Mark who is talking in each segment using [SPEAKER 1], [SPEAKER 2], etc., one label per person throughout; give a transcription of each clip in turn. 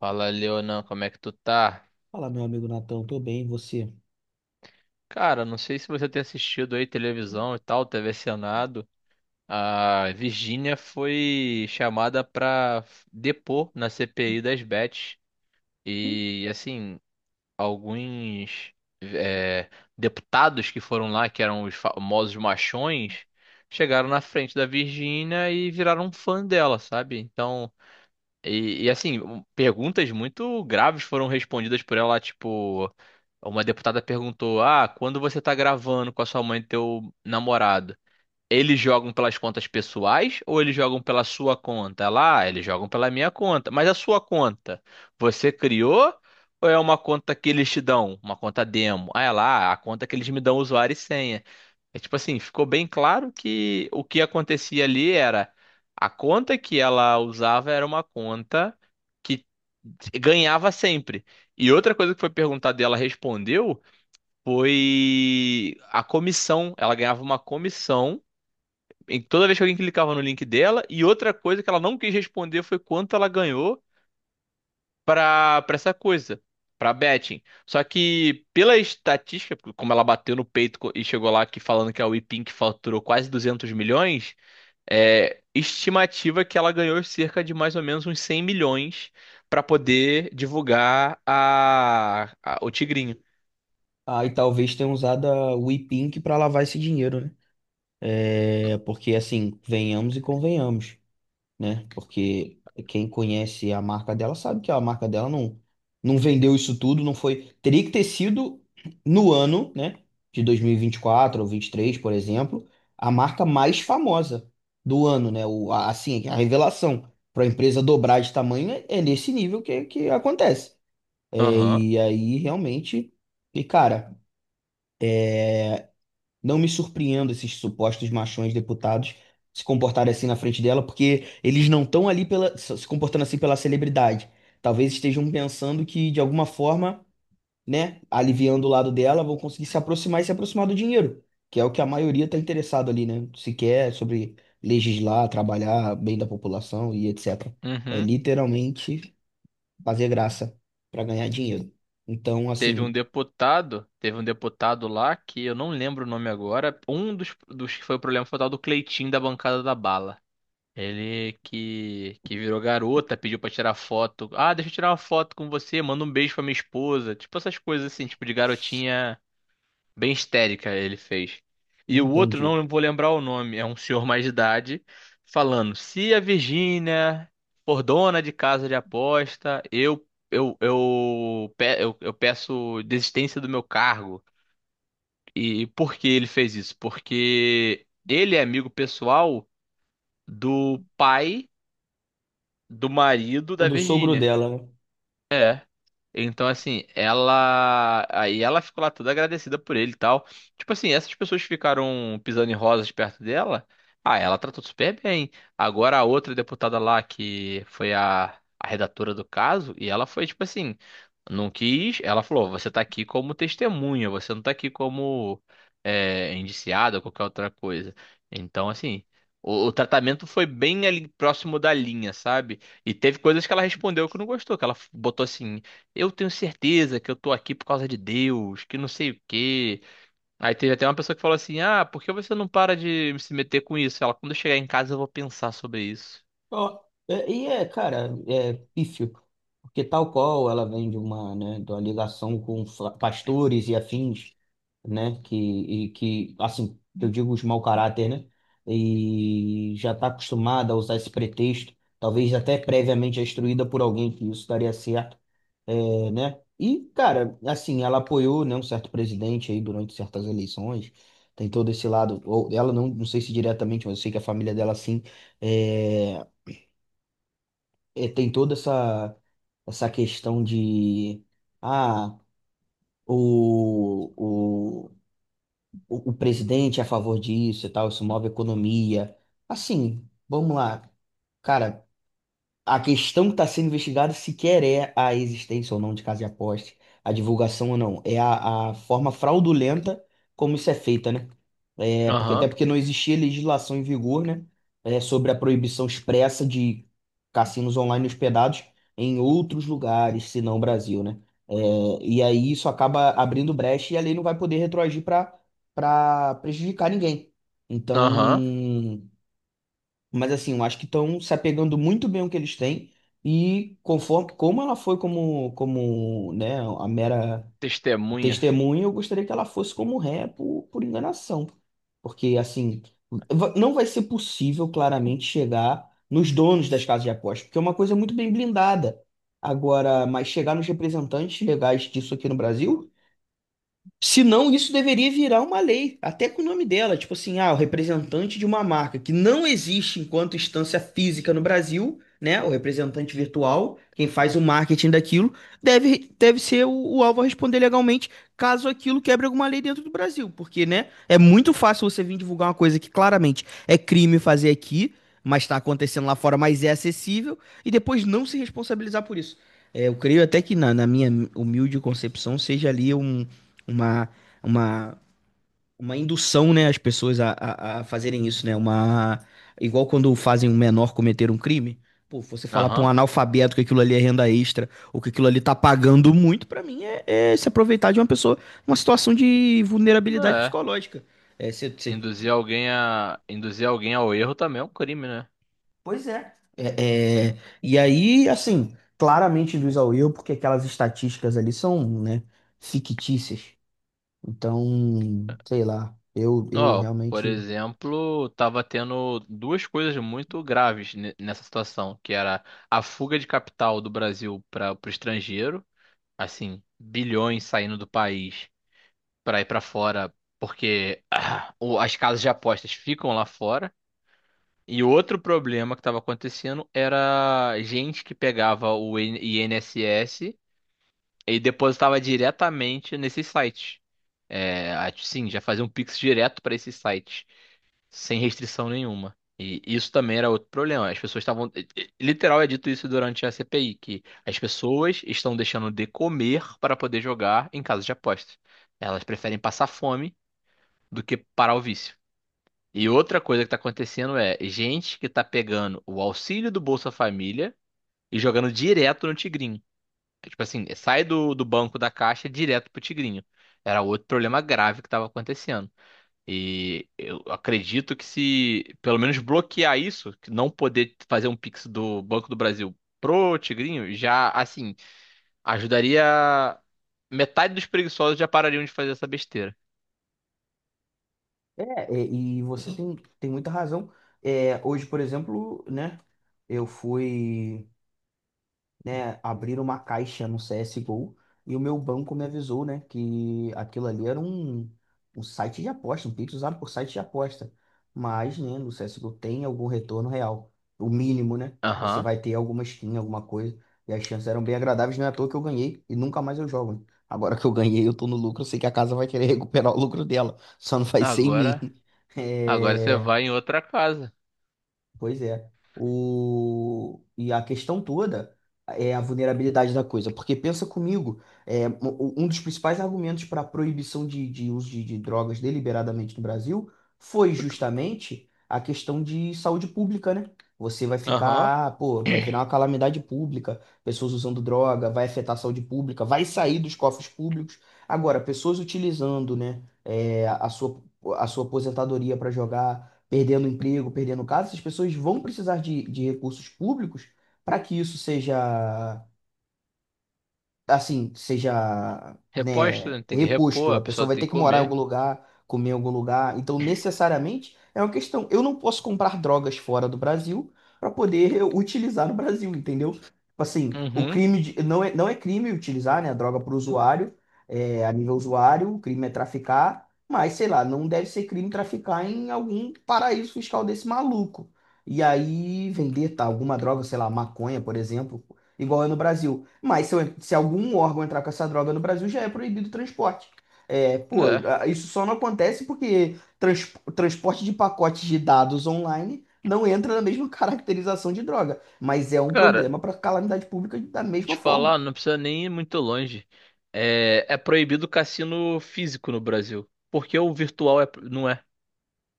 [SPEAKER 1] Fala, Leonan, como é que tu tá?
[SPEAKER 2] Fala, meu amigo Natão, tô bem, e você?
[SPEAKER 1] Cara, não sei se você tem assistido aí televisão e tal, TV Senado. A Virgínia foi chamada pra depor na CPI das bets. E, assim, alguns é, deputados que foram lá, que eram os famosos machões, chegaram na frente da Virgínia e viraram fã dela, sabe? Então, e, assim, perguntas muito graves foram respondidas por ela, tipo, uma deputada perguntou: "Ah, quando você tá gravando com a sua mãe e teu namorado, eles jogam pelas contas pessoais ou eles jogam pela sua conta?" Ela, "Ah, eles jogam pela minha conta. Mas a sua conta, você criou ou é uma conta que eles te dão, uma conta demo?" Aí ela, "Ah, a conta que eles me dão usuário e senha." É tipo assim, ficou bem claro que o que acontecia ali era a conta que ela usava era uma conta que ganhava sempre. E outra coisa que foi perguntada e ela respondeu foi a comissão. Ela ganhava uma comissão em toda vez que alguém clicava no link dela. E outra coisa que ela não quis responder foi quanto ela ganhou pra para essa coisa, pra betting. Só que pela estatística, como ela bateu no peito co- e chegou lá que falando que a WePink faturou quase 200 milhões, é estimativa que ela ganhou cerca de mais ou menos uns 100 milhões pra poder divulgar o Tigrinho.
[SPEAKER 2] Ah, e talvez tenha usado a WePink para lavar esse dinheiro, né? É, porque assim, venhamos e convenhamos, né? Porque quem conhece a marca dela sabe que a marca dela não vendeu isso tudo, não foi. Teria que ter sido no ano, né? De 2024 ou 23, por exemplo, a marca mais famosa do ano, né? Assim, a revelação para a empresa dobrar de tamanho é nesse nível que acontece.
[SPEAKER 1] Aham.
[SPEAKER 2] E aí, realmente, e cara, não me surpreendo esses supostos machões deputados se comportarem assim na frente dela, porque eles não estão se comportando assim pela celebridade. Talvez estejam pensando que, de alguma forma, né, aliviando o lado dela, vão conseguir se aproximar do dinheiro, que é o que a maioria está interessado ali, né? Se quer sobre legislar, trabalhar bem da população e etc. É
[SPEAKER 1] Uhum.
[SPEAKER 2] literalmente fazer graça para ganhar dinheiro. Então, assim,
[SPEAKER 1] Teve um deputado lá que eu não lembro o nome agora. Um dos que foi o problema foi o tal do Cleitinho da bancada da bala. Ele que virou garota, pediu pra tirar foto. Ah, deixa eu tirar uma foto com você, manda um beijo pra minha esposa. Tipo essas coisas assim, tipo de garotinha bem histérica ele fez. E o outro,
[SPEAKER 2] entendi.
[SPEAKER 1] não vou lembrar o nome, é um senhor mais de idade, falando: se a Virgínia for dona de casa de aposta, eu peço desistência do meu cargo. E por que ele fez isso? Porque ele é amigo pessoal do pai. Do marido
[SPEAKER 2] O
[SPEAKER 1] da
[SPEAKER 2] do sogro
[SPEAKER 1] Virgínia.
[SPEAKER 2] dela, né?
[SPEAKER 1] Então, assim, ela. Aí ela ficou lá toda agradecida por ele e tal. Tipo assim, essas pessoas que ficaram pisando em rosas perto dela. Ah, ela tratou super bem. Agora a outra deputada lá, que foi a redatora do caso, e ela foi, tipo assim, não quis. Ela falou: você tá aqui como testemunha, você não tá aqui como indiciada ou qualquer outra coisa. Então, assim, o tratamento foi bem ali próximo da linha, sabe? E teve coisas que ela respondeu que não gostou, que ela botou assim. Eu tenho certeza que eu tô aqui por causa de Deus, que não sei o quê. Aí teve até uma pessoa que falou assim: Ah, por que você não para de se meter com isso? Ela, quando eu chegar em casa, eu vou pensar sobre isso.
[SPEAKER 2] Ó, é, cara, é pífio, porque tal qual ela vem de uma ligação com pastores e afins, né, assim, eu digo os mau caráter, né, e já está acostumada a usar esse pretexto, talvez até previamente instruída por alguém que isso daria certo, e, cara, assim, ela apoiou, né, um certo presidente aí durante certas eleições, tem todo esse lado, ou ela não sei se diretamente, mas eu sei que a família dela, sim, é, tem toda essa questão de ah, o, o, o presidente é a favor disso e tal, isso move a economia. Assim, vamos lá. Cara, a questão que está sendo investigada sequer é a existência ou não de casa de aposta, a divulgação ou não. É a forma fraudulenta como isso é feita, né? É, porque, até
[SPEAKER 1] Aham,
[SPEAKER 2] porque não existia legislação em vigor, né? É, sobre a proibição expressa de cassinos online hospedados em outros lugares, senão o Brasil, né? É, e aí isso acaba abrindo brecha e a lei não vai poder retroagir para prejudicar ninguém. Então,
[SPEAKER 1] aham.
[SPEAKER 2] mas assim, eu acho que estão se apegando muito bem ao que eles têm e conforme como ela foi né, a mera
[SPEAKER 1] Testemunha.
[SPEAKER 2] testemunha, eu gostaria que ela fosse como ré por enganação. Porque assim, não vai ser possível claramente chegar nos donos das casas de apostas, porque é uma coisa muito bem blindada. Agora, mas chegar nos representantes legais disso aqui no Brasil se não, isso deveria virar uma lei, até com o nome dela, tipo assim, ah, o representante de uma marca que não existe enquanto instância física no Brasil, né? O representante virtual, quem faz o marketing daquilo, deve ser o alvo a responder legalmente caso aquilo quebre alguma lei dentro do Brasil, porque, né? É muito fácil você vir divulgar uma coisa que claramente é crime fazer aqui, mas está acontecendo lá fora, mas é acessível, e depois não se responsabilizar por isso. É, eu creio até que na minha humilde concepção seja ali um uma, uma, uma indução, né, as pessoas a fazerem isso, né? Uma, igual quando fazem um menor cometer um crime. Pô, você falar pra um
[SPEAKER 1] Aham.
[SPEAKER 2] analfabeto que aquilo ali é renda extra, ou que aquilo ali tá pagando muito, pra mim é se aproveitar de uma pessoa, uma situação de
[SPEAKER 1] Não
[SPEAKER 2] vulnerabilidade
[SPEAKER 1] é.
[SPEAKER 2] psicológica. É, você-
[SPEAKER 1] Induzir alguém a. Induzir alguém ao erro também é um crime, né?
[SPEAKER 2] Pois é. E aí, assim, claramente induz ao erro, porque aquelas estatísticas ali são, né, fictícias. Então, sei lá, eu
[SPEAKER 1] Ó, por
[SPEAKER 2] realmente.
[SPEAKER 1] exemplo, tava tendo duas coisas muito graves nessa situação, que era a fuga de capital do Brasil para o estrangeiro, assim, bilhões saindo do país para ir para fora, porque as casas de apostas ficam lá fora. E outro problema que estava acontecendo era gente que pegava o INSS e depositava diretamente nesses sites. É, sim, já fazia um Pix direto para esses sites, sem restrição nenhuma. E isso também era outro problema. As pessoas estavam. Literal é dito isso durante a CPI, que as pessoas estão deixando de comer para poder jogar em casas de apostas. Elas preferem passar fome do que parar o vício. E outra coisa que está acontecendo é gente que está pegando o auxílio do Bolsa Família e jogando direto no Tigrinho. É tipo assim, sai do banco da Caixa direto pro Tigrinho. Era outro problema grave que estava acontecendo. E eu acredito que se pelo menos bloquear isso, que não poder fazer um Pix do Banco do Brasil pro Tigrinho, já assim, ajudaria metade dos preguiçosos já parariam de fazer essa besteira.
[SPEAKER 2] É, e você tem muita razão. É, hoje, por exemplo, né? Eu fui né, abriram uma caixa no CSGO e o meu banco me avisou, né, que aquilo ali era um site de aposta, um Pix usado por site de aposta. Mas, né, no CSGO tem algum retorno real, o mínimo, né? Você
[SPEAKER 1] Aham.
[SPEAKER 2] vai ter alguma skin, alguma coisa, e as chances eram bem agradáveis, não é à toa que eu ganhei e nunca mais eu jogo. Né? Agora que eu ganhei, eu tô no lucro, eu sei que a casa vai querer recuperar o lucro dela, só não vai ser em
[SPEAKER 1] Agora
[SPEAKER 2] mim.
[SPEAKER 1] Agora você
[SPEAKER 2] É...
[SPEAKER 1] vai em outra casa.
[SPEAKER 2] Pois é. O... E a questão toda é a vulnerabilidade da coisa. Porque pensa comigo, um dos principais argumentos para a proibição de uso de drogas deliberadamente no Brasil foi justamente a questão de saúde pública, né? Você vai
[SPEAKER 1] Aham.
[SPEAKER 2] ficar, ah, pô, vai virar uma calamidade pública, pessoas usando droga, vai afetar a saúde pública, vai sair dos cofres públicos. Agora, pessoas utilizando, né, é, a a sua aposentadoria para jogar perdendo emprego, perdendo casa, essas pessoas vão precisar de recursos públicos para que isso seja assim, seja,
[SPEAKER 1] Reposta,
[SPEAKER 2] né,
[SPEAKER 1] né? Tem que repor,
[SPEAKER 2] reposto.
[SPEAKER 1] a
[SPEAKER 2] A pessoa
[SPEAKER 1] pessoa
[SPEAKER 2] vai
[SPEAKER 1] tem
[SPEAKER 2] ter
[SPEAKER 1] que
[SPEAKER 2] que morar em algum
[SPEAKER 1] comer.
[SPEAKER 2] lugar, comer em algum lugar. Então, necessariamente, é uma questão. Eu não posso comprar drogas fora do Brasil para poder utilizar no Brasil, entendeu? Tipo assim,
[SPEAKER 1] Uhum.
[SPEAKER 2] não é, não é crime utilizar, né, a droga para o usuário, é, a nível usuário, o crime é traficar, mas sei lá, não deve ser crime traficar em algum paraíso fiscal desse maluco. E aí vender tá, alguma droga, sei lá, maconha, por exemplo, igual é no Brasil. Mas se algum órgão entrar com essa droga no Brasil, já é proibido o transporte. É, pô,
[SPEAKER 1] É.
[SPEAKER 2] isso só não acontece porque transporte de pacotes de dados online não entra na mesma caracterização de droga, mas é um
[SPEAKER 1] Cara,
[SPEAKER 2] problema para calamidade pública da mesma
[SPEAKER 1] te
[SPEAKER 2] forma.
[SPEAKER 1] falar, não precisa nem ir muito longe. É, é proibido cassino físico no Brasil. Porque o virtual é, não é.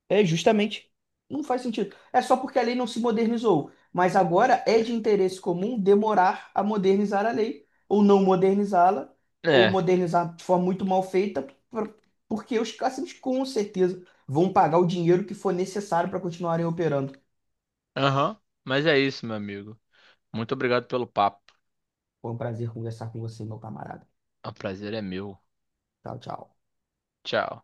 [SPEAKER 2] É justamente. Não faz sentido. É só porque a lei não se modernizou. Mas agora é de interesse comum demorar a modernizar a lei, ou não modernizá-la, ou
[SPEAKER 1] É.
[SPEAKER 2] modernizar de forma muito mal feita, por- porque os cassinos com certeza vão pagar o dinheiro que for necessário para continuarem operando.
[SPEAKER 1] Aham. Mas é isso, meu amigo. Muito obrigado pelo papo.
[SPEAKER 2] Foi um prazer conversar com você, meu camarada.
[SPEAKER 1] O prazer é meu.
[SPEAKER 2] Tchau, tchau.
[SPEAKER 1] Tchau.